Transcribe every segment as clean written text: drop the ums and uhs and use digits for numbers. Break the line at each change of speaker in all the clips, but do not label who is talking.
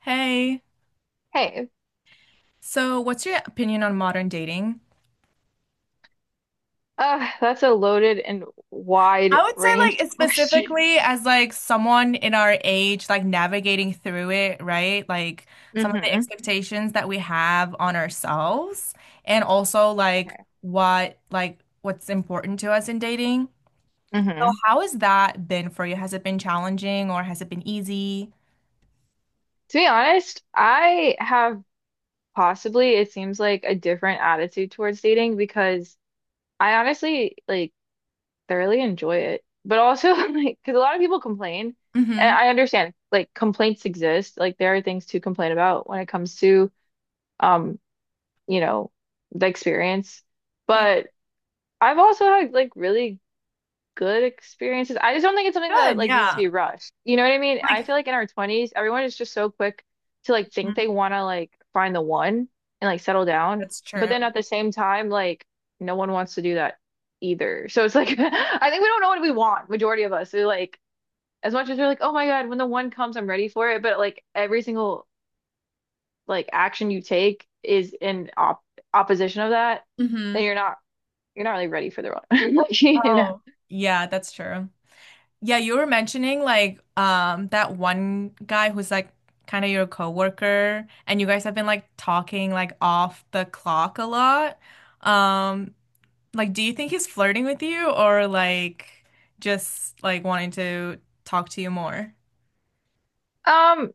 Hey,
Hey.
so what's your opinion on modern dating?
That's a loaded and
I would say
wide-ranged
like
question.
specifically as like someone in our age like navigating through it, right? Like some of the
Hmm.
expectations that we have on ourselves and also like
Okay.
what's important to us in dating. So
Hmm.
how has that been for you? Has it been challenging or has it been easy?
To be honest, I have possibly, it seems like a different attitude towards dating because I honestly like thoroughly enjoy it. But also like because a lot of people complain and
Mm-hmm.
I understand like complaints exist. Like there are things to complain about when it comes to um, you know, the experience.
Yeah.
But I've also had like really good experiences. I just don't think it's something that
Good,
like needs to
yeah.
be rushed. You know what I mean? I
Like
feel like in our 20s, everyone is just so quick to like think
Mhm.
they want to like find the one and like settle down.
That's
But
true.
then at the same time, like no one wants to do that either. So it's like I think we don't know what we want, majority of us. We're like as much as we're like, "Oh my God, when the one comes, I'm ready for it." But like every single like action you take is in op opposition of that,
Mm-hmm.
then you're not really ready for the one. Like, you know.
Oh, yeah, that's true. Yeah, you were mentioning like that one guy who's like kind of your coworker and you guys have been like talking like off the clock a lot. Um like do you think he's flirting with you or like just like wanting to talk to you more?
Um,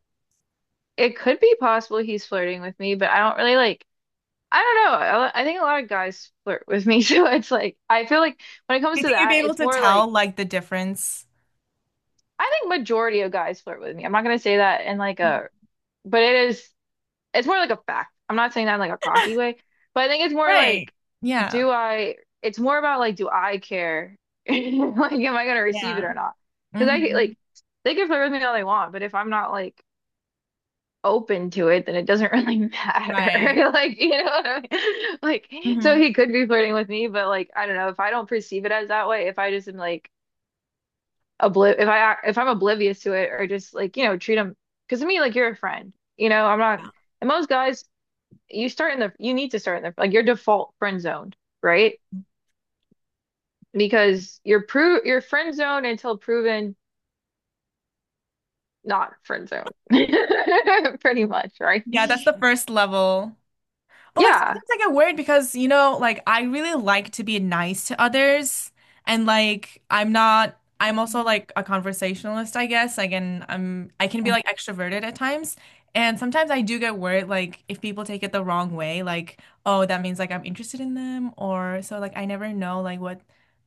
It could be possible he's flirting with me, but I don't really like, I don't know. I think a lot of guys flirt with me, so it's like, I feel like when it
Do
comes
you
to
think you'd be
that,
able
it's
to
more like,
tell like the difference?
I think majority of guys flirt with me. I'm not gonna say that in like a, but it is, it's more like a fact. I'm not saying that in like a cocky way, but I think it's more
Right.
like,
Yeah.
do I, it's more about like, do I care? Like, am I gonna receive it
Yeah.
or not? Because I could,
Hmm.
like, they can flirt with me all they want, but if I'm not like, open to it, then it doesn't really matter.
Right.
Like, you know what I mean? Like,
Hmm.
so he could be flirting with me, but like, I don't know, if I don't perceive it as that way, if I just am like obli if I if I'm oblivious to it or just like, you know, treat him because to me, like you're a friend. You know, I'm not
Yeah.
and most guys, you start in the you need to start in the like your default friend zoned, right? Because you're friend zoned until proven not friend zoned. Pretty much, right?
Yeah, that's the first level. But like
Yeah.
sometimes I get worried because, you know, like I really like to be nice to others and like I'm not I'm also
Mhm.
like a conversationalist, I guess. Like and I can be like extroverted at times. And sometimes I do get worried like if people take it the wrong way, like, oh, that means like I'm interested in them or so like I never know like what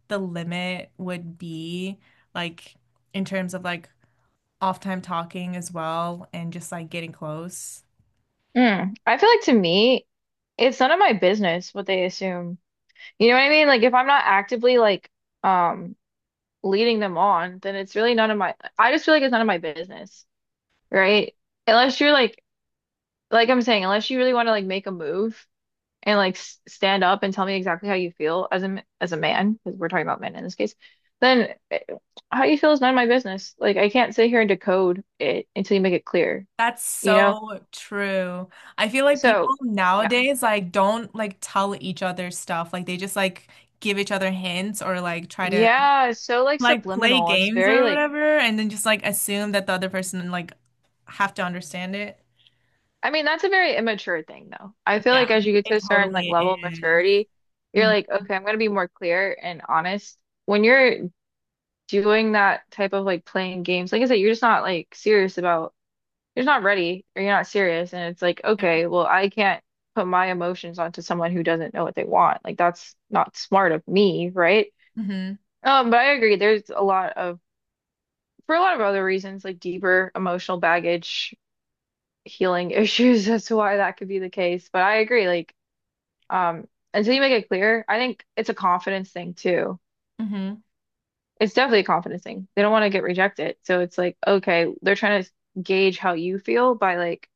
the limit would be like in terms of like off time talking as well and just like getting close.
Mm. I feel like to me, it's none of my business what they assume. You know what I mean? Like if I'm not actively like um leading them on, then it's really none of my I just feel like it's none of my business, right? Unless you're like I'm saying, unless you really want to like make a move and like s stand up and tell me exactly how you feel as a as a man, because we're talking about men in this case, then how you feel is none of my business. Like I can't sit here and decode it until you make it clear,
That's
you know?
so true. I feel like
So
people nowadays like don't like tell each other stuff. Like they just like give each other hints or like try to
yeah, it's so like
like play
subliminal. It's
games
very
or
like
whatever and then just like assume that the other person like have to understand it.
I mean, that's a very immature thing though. I feel
Yeah,
like as you get to
it
a certain
totally
like level of
is.
maturity, you're
Mhm.
like, okay, I'm gonna be more clear and honest. When you're doing that type of like playing games, like I said, you're just not like serious about you're not ready or you're not serious and it's like,
Yeah.
okay, well, I can't put my emotions onto someone who doesn't know what they want. Like that's not smart of me, right?
Mm-hmm.
But I agree, there's a lot of for a lot of other reasons, like deeper emotional baggage healing issues. That's why that could be the case. But I agree, like, um, until you make it clear, I think it's a confidence thing too.
Yeah. Mm-hmm.
It's definitely a confidence thing. They don't want to get rejected. So it's like, okay, they're trying to gauge how you feel by like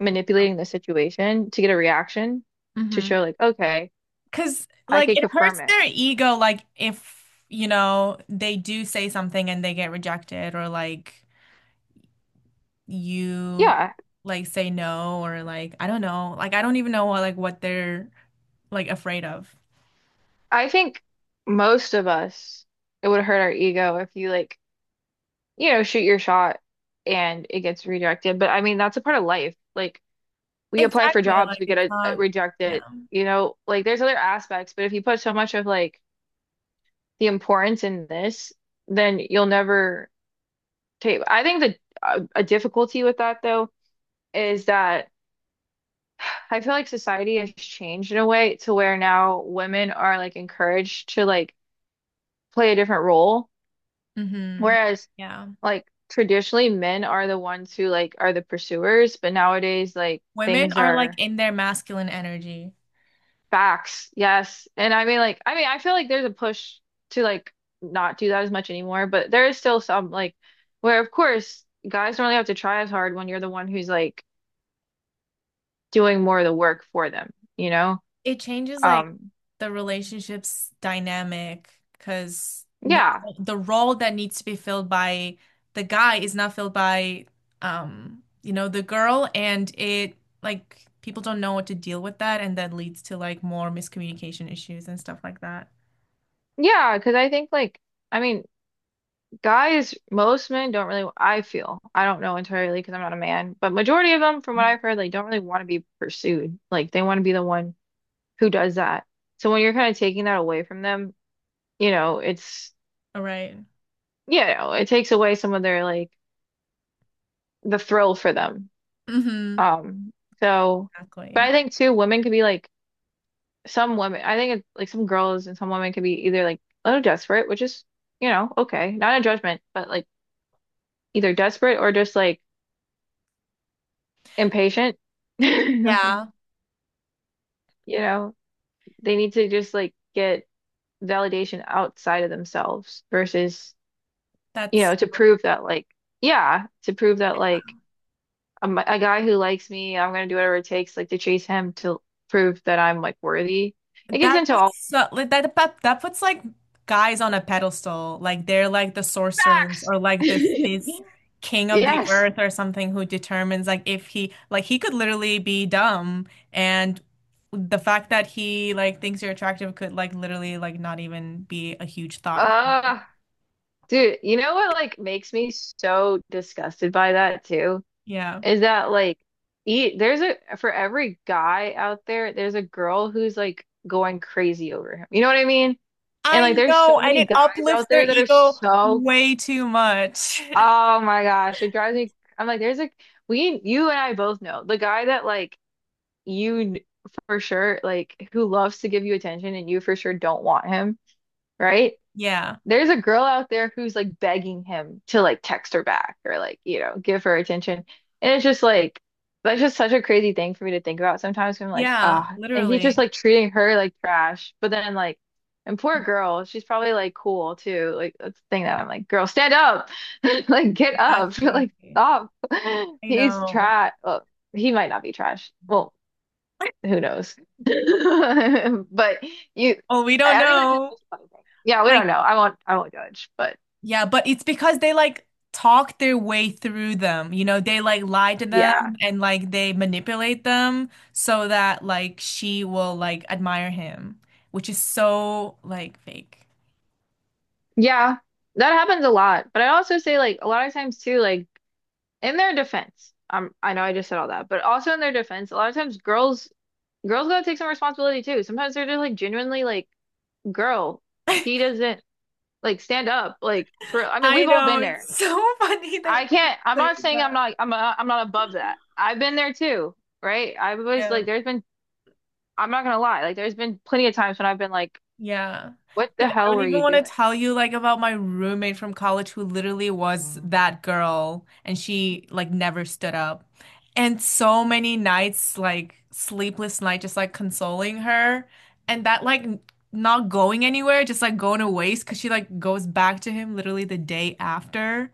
manipulating the situation to get a reaction to
Mm-hmm.
show like, okay,
Because
I
like
can
it
confirm
hurts
it.
their ego like if you know they do say something and they get rejected or like you
Yeah,
like say no or like I don't know. Like I don't even know what like what they're like afraid of.
I think most of us, it would hurt our ego if you like, you know, shoot your shot and it gets rejected. But I mean, that's a part of life. Like we apply for
Exactly.
jobs,
Like
we get
it's not yeah.
rejected. You know, like there's other aspects, but if you put so much of like the importance in this, then you'll never take. I think a difficulty with that though is that I feel like society has changed in a way to where now women are like encouraged to like play a different role,
Mm-hmm.
whereas
Yeah.
like traditionally men are the ones who like are the pursuers, but nowadays like
Women
things
are like
are
in their masculine energy.
facts, yes. And I mean like I mean I feel like there's a push to like not do that as much anymore, but there is still some like where of course guys don't really have to try as hard when you're the one who's like doing more of the work for them, you know?
It changes like
Um
the relationships dynamic because now
yeah.
the role that needs to be filled by the guy is not filled by you know the girl and it like people don't know what to deal with that and that leads to like more miscommunication issues and stuff like that.
Yeah, because I think like I mean guys most men don't really I feel. I don't know entirely because I'm not a man, but majority of them from what I've heard like don't really want to be pursued. Like they want to be the one who does that. So when you're kind of taking that away from them, you know, it's
All right.
you know, it takes away some of their like the thrill for them.
Mm-hmm.
Um, so but I
Exactly.
think too, women could be like some women I think it's like some girls and some women could be either like a little desperate, which is, you know, okay. Not a judgment, but like either desperate or just like impatient. Like,
Yeah,
you know, they need to just like get validation outside of themselves versus, you
that's.
know, to prove that like, yeah, to prove that like a guy who likes me, I'm gonna do whatever it takes, like to chase him to prove that I'm like worthy. It gets
That
into all
puts like that puts like guys on a pedestal, like they're like the sorcerers
facts.
or like this king of the
Yes.
earth or something who determines like if he like he could literally be dumb and the fact that he like thinks you're attractive could like literally like not even be a huge thought.
Uh, dude, you know what like makes me so disgusted by that too?
Yeah.
Is that like e there's a for every guy out there, there's a girl who's like going crazy over him. You know what I mean? And like
I
there's so
know, and
many
it
guys
uplifts
out
their
there that are
ego
so
way too much.
oh my gosh, it drives me I'm like there's like we you and I both know the guy that like you for sure like who loves to give you attention and you for sure don't want him, right?
Yeah.
There's a girl out there who's like begging him to like text her back or like, you know, give her attention. And it's just like that's just such a crazy thing for me to think about sometimes. 'Cause I'm like,
Yeah,
ah, and he's just
literally.
like treating her like trash. But then like and poor girl, she's probably like cool too. Like that's the thing that I'm like, girl, stand up. Like get up.
Exactly.
Like stop.
I
He's
know.
trash. Well, he might not be trash. Well, who knows? But you,
Well, we don't
I think that's
know.
just a funny thing. Yeah, we don't
Like,
know. I won't judge. But
yeah, but it's because they like talk their way through them. You know, they like lie to them
yeah,
and like they manipulate them so that like she will like admire him, which is so like fake.
yeah, that happens a lot. But I also say like a lot of times too, like in their defense, I know I just said all that, but also in their defense, a lot of times girls, girls gotta take some responsibility too. Sometimes they're just like genuinely like, girl, he doesn't like stand up like for. I mean,
I
we've all
know.
been there.
It's so funny that
I
you just
can't. I'm
say
not saying I'm
that.
not. I'm. I I'm not above that. I've been there too right? I was like,
Yeah.
there's been I'm not gonna lie. Like, there's been plenty of times when I've been like,
Yeah.
"What the
Dude, I
hell
don't
were
even
you
want to
doing?"
tell you like about my roommate from college who literally was that girl and she like never stood up. And so many nights, like sleepless night, just like consoling her and that like not going anywhere, just like going to waste because she like goes back to him literally the day after.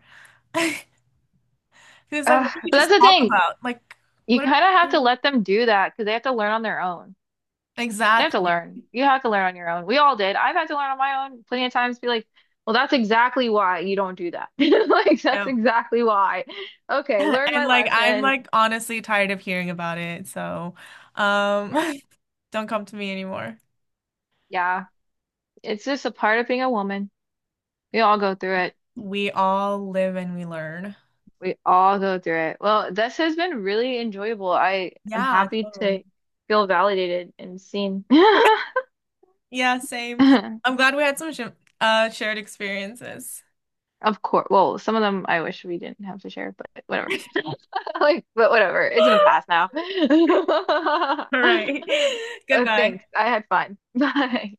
He was like,
Ugh.
what did we
But
just
that's the
talk
thing.
about? Like,
You
what
kind of have
are
to
we.
let them do that because they have to learn on their own. They have to
Exactly.
learn. You have to learn on your own. We all did. I've had to learn on my own plenty of times. Be like, "Well, that's exactly why you don't do that." Like, that's
Yeah.
exactly why. Okay, learn
And
my
like I'm
lesson.
like honestly tired of hearing about it. So um
Yeah,
don't come to me anymore.
yeah. It's just a part of being a woman. We all go through it.
We all live and we learn.
We all go through it. Well, this has been really enjoyable. I am
Yeah,
happy
totally.
to feel validated and seen.
Yeah, same. I'm glad we had some sh shared experiences.
Of course. Well, some of them I wish we didn't have to share, but whatever. Like, but whatever. It's in the past now.
All right.
Thanks.
Goodbye.
I had fun. Bye.